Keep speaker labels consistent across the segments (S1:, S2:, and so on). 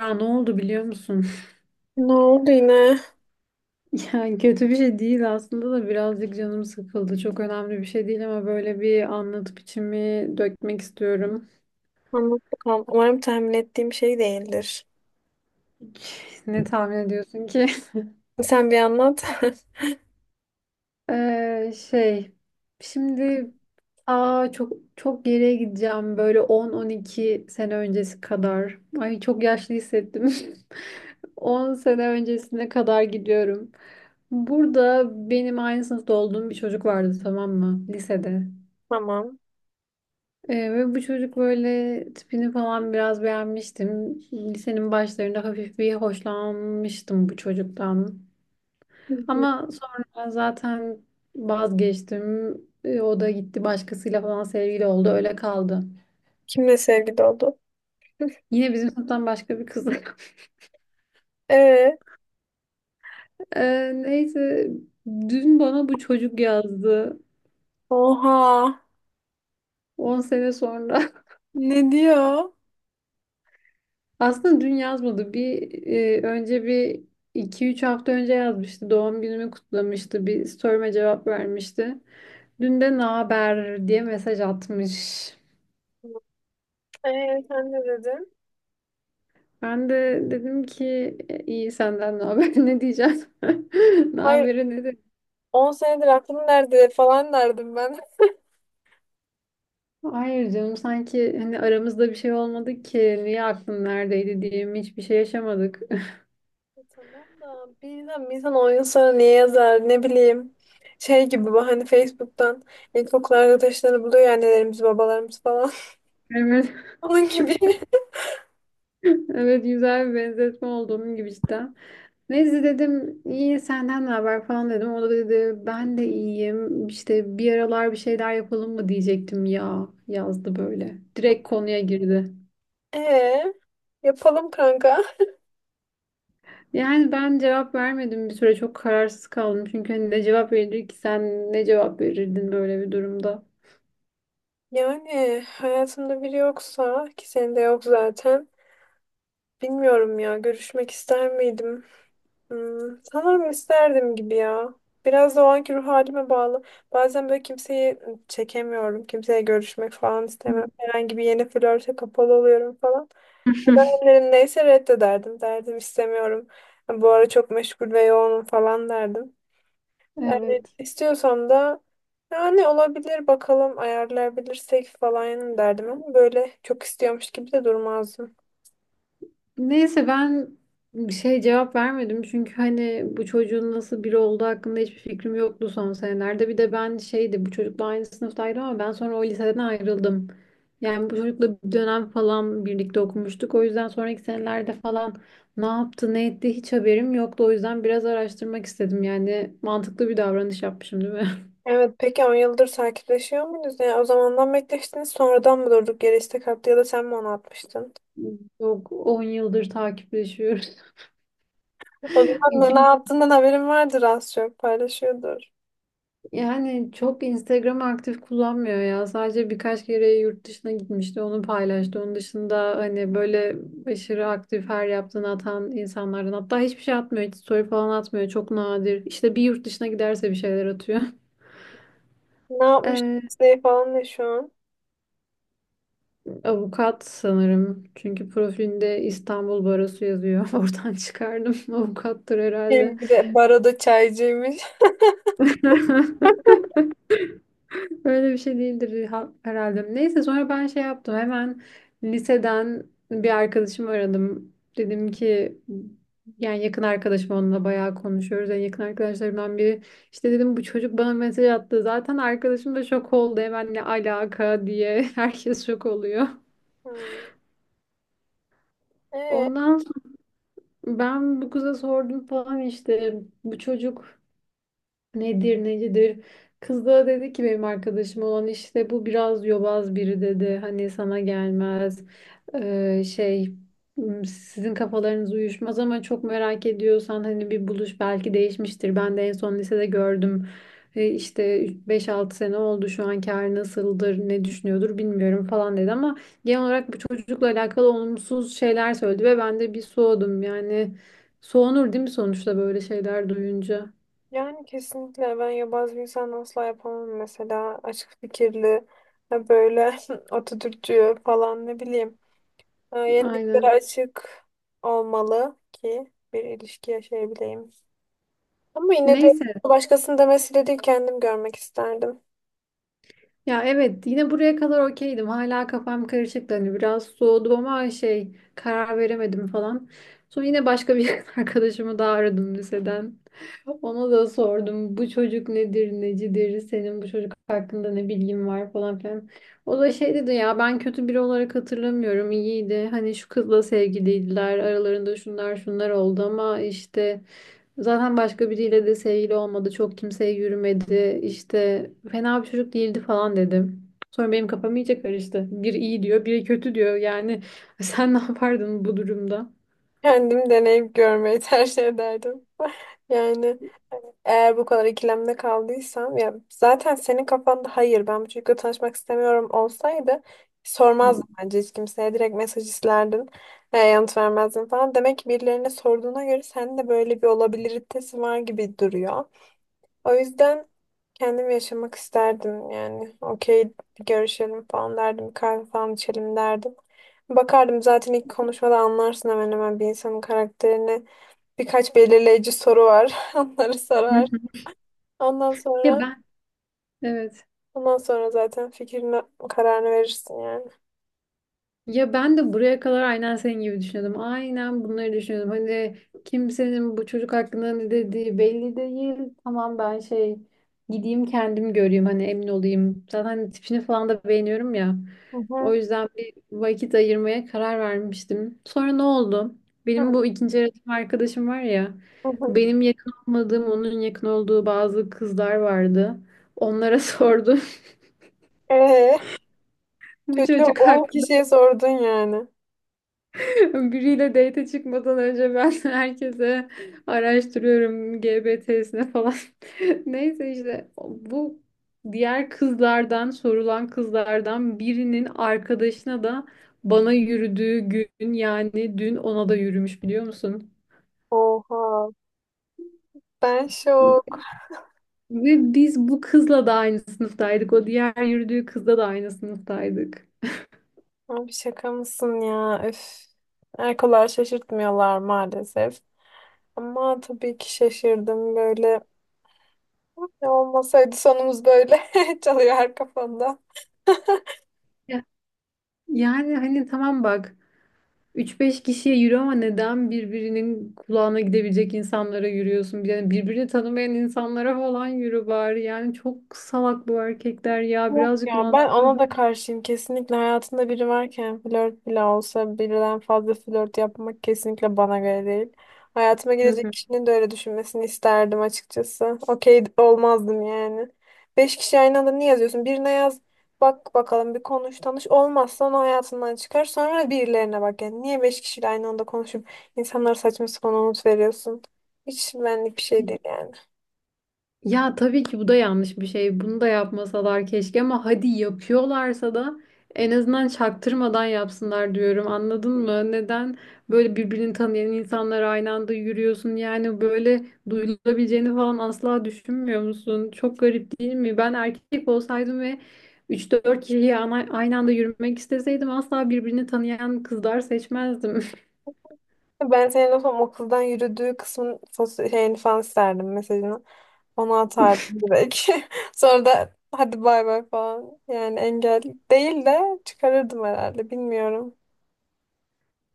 S1: Ya ne oldu biliyor musun?
S2: Ne oldu yine?
S1: Yani kötü bir şey değil aslında da birazcık canım sıkıldı. Çok önemli bir şey değil ama böyle bir anlatıp içimi dökmek istiyorum.
S2: Anlat bakalım. Umarım tahmin ettiğim şey değildir.
S1: Ne tahmin ediyorsun ki?
S2: Sen bir anlat.
S1: Ee, şey, şimdi çok çok geriye gideceğim böyle 10-12 sene öncesi kadar. Ay çok yaşlı hissettim. 10 sene öncesine kadar gidiyorum. Burada benim aynı sınıfta olduğum bir çocuk vardı, tamam mı? Lisede.
S2: Tamam.
S1: Ve bu çocuk böyle tipini falan biraz beğenmiştim. Lisenin başlarında hafif bir hoşlanmıştım bu çocuktan.
S2: Hı hı.
S1: Ama sonra zaten vazgeçtim. O da gitti başkasıyla falan sevgili oldu. Öyle kaldı.
S2: Kimle sevgili oldu?
S1: Yine bizim sınıftan başka bir kız.
S2: Ee,
S1: Neyse dün bana bu çocuk yazdı.
S2: Oha.
S1: 10 sene sonra.
S2: Ne diyor?
S1: Aslında dün yazmadı. Bir iki üç hafta önce yazmıştı. Doğum günümü kutlamıştı. Bir story'me cevap vermişti. Dün de ne haber diye mesaj atmış.
S2: Sen ne dedin?
S1: Ben de dedim ki, "E, iyi, senden ne haber," ne diyeceğim. Ne
S2: Hayır,
S1: haberi ne de.
S2: 10 senedir aklım nerede falan derdim ben.
S1: Hayır canım, sanki hani aramızda bir şey olmadı ki niye aklın neredeydi diyeyim, hiçbir şey yaşamadık.
S2: Tamam da bir insan 10 yıl sonra niye yazar ne bileyim. Şey gibi bu hani Facebook'tan ilkokul arkadaşlarını buluyor ya annelerimiz babalarımız falan.
S1: Evet,
S2: Onun gibi.
S1: evet güzel bir benzetme oldu, onun gibi cidden. Neyse dedim iyi senden ne haber falan dedim. O da dedi ben de iyiyim işte bir aralar bir şeyler yapalım mı diyecektim ya, yazdı böyle. Direkt konuya girdi.
S2: Ee, Yapalım kanka.
S1: Yani ben cevap vermedim bir süre, çok kararsız kaldım. Çünkü hani ne cevap verir ki, sen ne cevap verirdin böyle bir durumda?
S2: Yani hayatımda biri yoksa ki senin de yok zaten. Bilmiyorum ya, görüşmek ister miydim? Hmm, sanırım isterdim gibi ya. Biraz da o anki ruh halime bağlı. Bazen böyle kimseyi çekemiyorum. Kimseye görüşmek falan istemem. Herhangi bir yeni flörte kapalı oluyorum falan. O dönemlerim neyse reddederdim. Derdim istemiyorum. Bu ara çok meşgul ve yoğunum falan derdim. Yani
S1: Evet.
S2: istiyorsam da yani olabilir bakalım ayarlayabilirsek falan derdim ama böyle çok istiyormuş gibi de durmazdım.
S1: Neyse ben bir şey cevap vermedim çünkü hani bu çocuğun nasıl biri olduğu hakkında hiçbir fikrim yoktu son senelerde. Bir de ben şeydi, bu çocukla aynı sınıftaydım ama ben sonra o liseden ayrıldım. Yani bu çocukla bir dönem falan birlikte okumuştuk. O yüzden sonraki senelerde falan ne yaptı ne etti hiç haberim yoktu. O yüzden biraz araştırmak istedim, yani mantıklı bir davranış yapmışım değil mi?
S2: Evet, peki 10 yıldır takipleşiyor muyuz? Yani o zamandan bekleştiniz sonradan mı durduk yere istek attı ya da sen mi onu atmıştın?
S1: Yok, 10 yıldır takipleşiyoruz.
S2: O zaman ne
S1: Kim
S2: yaptığından haberin vardır, az çok paylaşıyordur.
S1: Yani çok Instagram aktif kullanmıyor ya. Sadece birkaç kere yurt dışına gitmişti, onu paylaştı. Onun dışında hani böyle aşırı aktif her yaptığını atan insanlardan. Hatta hiçbir şey atmıyor, hiç story falan atmıyor. Çok nadir. İşte bir yurt dışına giderse bir şeyler atıyor.
S2: Ne yapmış
S1: Ee,
S2: ne falan ne şu an?
S1: avukat sanırım. Çünkü profilinde İstanbul Barosu yazıyor. Oradan çıkardım. Avukattır herhalde.
S2: Hem bir de baroda çaycıymış.
S1: Öyle bir şey değildir herhalde. Neyse sonra ben şey yaptım. Hemen liseden bir arkadaşımı aradım. Dedim ki yani, yakın arkadaşım, onunla bayağı konuşuyoruz. En yakın arkadaşlarımdan biri. İşte dedim bu çocuk bana mesaj attı. Zaten arkadaşım da şok oldu. Hemen ne alaka diye herkes şok oluyor.
S2: Hmm. Ee,
S1: Ondan sonra ben bu kıza sordum falan, işte bu çocuk nedir necidir. Kız da dedi ki benim arkadaşım olan, işte bu biraz yobaz biri dedi. Hani sana gelmez. Ee, şey sizin kafalarınız uyuşmaz ama çok merak ediyorsan hani bir buluş, belki değişmiştir. Ben de en son lisede gördüm. İşte 5-6 sene oldu, şu anki hali nasıldır, ne düşünüyordur bilmiyorum falan dedi ama genel olarak bu çocukla alakalı olumsuz şeyler söyledi ve ben de bir soğudum. Yani soğunur değil mi sonuçta böyle şeyler duyunca?
S2: Yani kesinlikle ben yabancı bir insan asla yapamam, mesela açık fikirli ya böyle Atatürkçü falan ne bileyim,
S1: Aynen.
S2: yeniliklere açık olmalı ki bir ilişki yaşayabileyim. Ama yine de
S1: Neyse.
S2: başkasının demesiyle değil kendim görmek isterdim.
S1: Ya evet, yine buraya kadar okeydim. Hala kafam karışıktı. Hani biraz soğudum ama şey, karar veremedim falan. Sonra yine başka bir arkadaşımı daha aradım liseden. Ona da sordum bu çocuk nedir necidir, senin bu çocuk hakkında ne bilgin var falan filan. O da şey dedi, ya ben kötü biri olarak hatırlamıyorum, iyiydi. Hani şu kızla sevgiliydiler, aralarında şunlar şunlar oldu ama işte zaten başka biriyle de sevgili olmadı. Çok kimseye yürümedi. İşte fena bir çocuk değildi falan dedim. Sonra benim kafam iyice karıştı. Biri iyi diyor, biri kötü diyor. Yani sen ne yapardın bu durumda?
S2: Kendim deneyip görmeyi tercih ederdim. Yani hani, eğer bu kadar ikilemde kaldıysam, ya zaten senin kafanda "hayır ben bu çocukla tanışmak istemiyorum" olsaydı sormazdım bence hiç kimseye, direkt mesaj isterdin yanıt vermezdin falan. Demek ki birilerine sorduğuna göre sende de böyle bir olabiliritesi var gibi duruyor. O yüzden kendim yaşamak isterdim yani. Okey, bir görüşelim falan derdim. Bir kahve falan içelim derdim. Bakardım, zaten ilk konuşmada anlarsın hemen hemen bir insanın karakterini. Birkaç belirleyici soru var. Onları
S1: Hı
S2: sorar.
S1: hı.
S2: Ondan
S1: Ya
S2: sonra
S1: ben. Evet.
S2: ondan sonra zaten fikrini, kararını verirsin yani.
S1: Ya ben de buraya kadar aynen senin gibi düşünüyordum. Aynen bunları düşünüyordum. Hani kimsenin bu çocuk hakkında ne dediği belli değil. Tamam ben şey, gideyim kendim göreyim hani, emin olayım. Zaten hani tipini falan da beğeniyorum ya.
S2: Hı hı.
S1: O yüzden bir vakit ayırmaya karar vermiştim. Sonra ne oldu? Benim
S2: Hı
S1: bu ikinci öğretim arkadaşım var ya.
S2: hı.
S1: Benim yakın olmadığım, onun yakın olduğu bazı kızlar vardı. Onlara sordum.
S2: Ee,
S1: Bu
S2: Çocuğu
S1: çocuk
S2: 10
S1: hakkında.
S2: kişiye sordun yani.
S1: Biriyle date çıkmadan önce ben herkese araştırıyorum, GBT'sine falan. Neyse işte bu diğer kızlardan, sorulan kızlardan birinin arkadaşına da, bana yürüdüğü gün yani dün, ona da yürümüş biliyor musun?
S2: Oha. Ben şok.
S1: Ve biz bu kızla da aynı sınıftaydık. O diğer yürüdüğü kızla da aynı sınıftaydık.
S2: Abi şaka mısın ya? Üf. Erkolar şaşırtmıyorlar maalesef. Ama tabii ki şaşırdım böyle. Ne olmasaydı sonumuz böyle çalıyor her kafamda.
S1: Ya- Yani hani tamam bak. Üç beş kişiye yürü ama neden birbirinin kulağına gidebilecek insanlara yürüyorsun? Yani birbirini tanımayan insanlara falan yürü bari. Yani çok salak bu erkekler ya.
S2: Yok
S1: Birazcık
S2: ya, ben
S1: mantıklı.
S2: ona da karşıyım. Kesinlikle hayatında biri varken flört bile olsa birden fazla flört yapmak kesinlikle bana göre değil. Hayatıma
S1: Hı
S2: girecek
S1: hı.
S2: kişinin de öyle düşünmesini isterdim açıkçası. Okey olmazdım yani. 5 kişi aynı anda niye yazıyorsun? Birine yaz, bak bakalım, bir konuş tanış, olmazsa onu hayatından çıkar, sonra birilerine bak yani. Niye 5 kişiyle aynı anda konuşup insanlara saçma sapan umut veriyorsun? Hiç benlik bir şey değil yani.
S1: Ya tabii ki bu da yanlış bir şey. Bunu da yapmasalar keşke ama hadi yapıyorlarsa da en azından çaktırmadan yapsınlar diyorum. Anladın mı? Neden böyle birbirini tanıyan insanlar aynı anda yürüyorsun? Yani böyle duyulabileceğini falan asla düşünmüyor musun? Çok garip değil mi? Ben erkek olsaydım ve üç dört kişiyi aynı anda yürümek isteseydim asla birbirini tanıyan kızlar seçmezdim.
S2: Ben senin o son okuldan yürüdüğü kısmın şeyini falan isterdim, mesajını. Ona atardım direkt. Sonra da hadi bay bay falan. Yani engel değil de çıkarırdım herhalde. Bilmiyorum.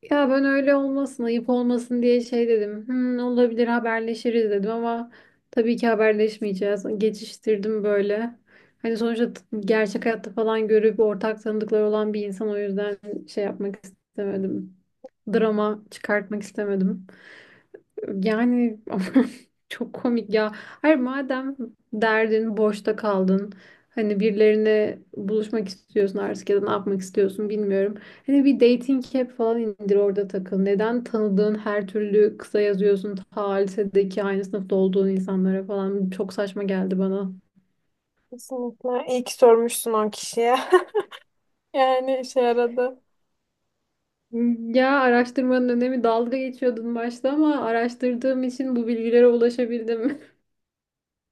S1: Ya ben öyle olmasın, ayıp olmasın diye şey dedim. Olabilir, haberleşiriz dedim ama tabii ki haberleşmeyeceğiz. Geçiştirdim böyle. Hani sonuçta gerçek hayatta falan görüp ortak tanıdıkları olan bir insan, o yüzden şey yapmak istemedim. Drama çıkartmak istemedim. Yani aman, çok komik ya. Hayır madem derdin, boşta kaldın. Hani birilerine buluşmak istiyorsun artık ya da ne yapmak istiyorsun bilmiyorum. Hani bir dating app falan indir, orada takıl. Neden tanıdığın her türlü kısa yazıyorsun, ta lisedeki aynı sınıfta olduğun insanlara falan? Çok saçma geldi bana.
S2: Kesinlikle. İyi ki sormuşsun o kişiye. Yani işe yaradı.
S1: Ya, araştırmanın önemi, dalga geçiyordun başta ama araştırdığım için bu bilgilere ulaşabildim.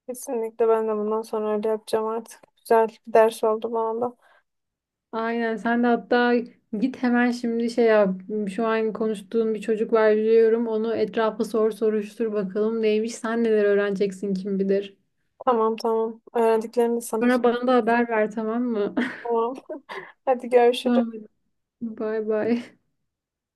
S2: Kesinlikle ben de bundan sonra öyle yapacağım artık. Güzel bir ders oldu bana da.
S1: Aynen sen de, hatta git hemen şimdi şey yap, şu an konuştuğun bir çocuk var biliyorum, onu etrafa sor soruştur bakalım neymiş, sen neler öğreneceksin kim bilir.
S2: Tamam tamam. Öğrendiklerimi de sana.
S1: Sonra bana da haber ver tamam mı?
S2: Tamam. Hadi görüşürüz.
S1: Tamam hadi. Bye bye.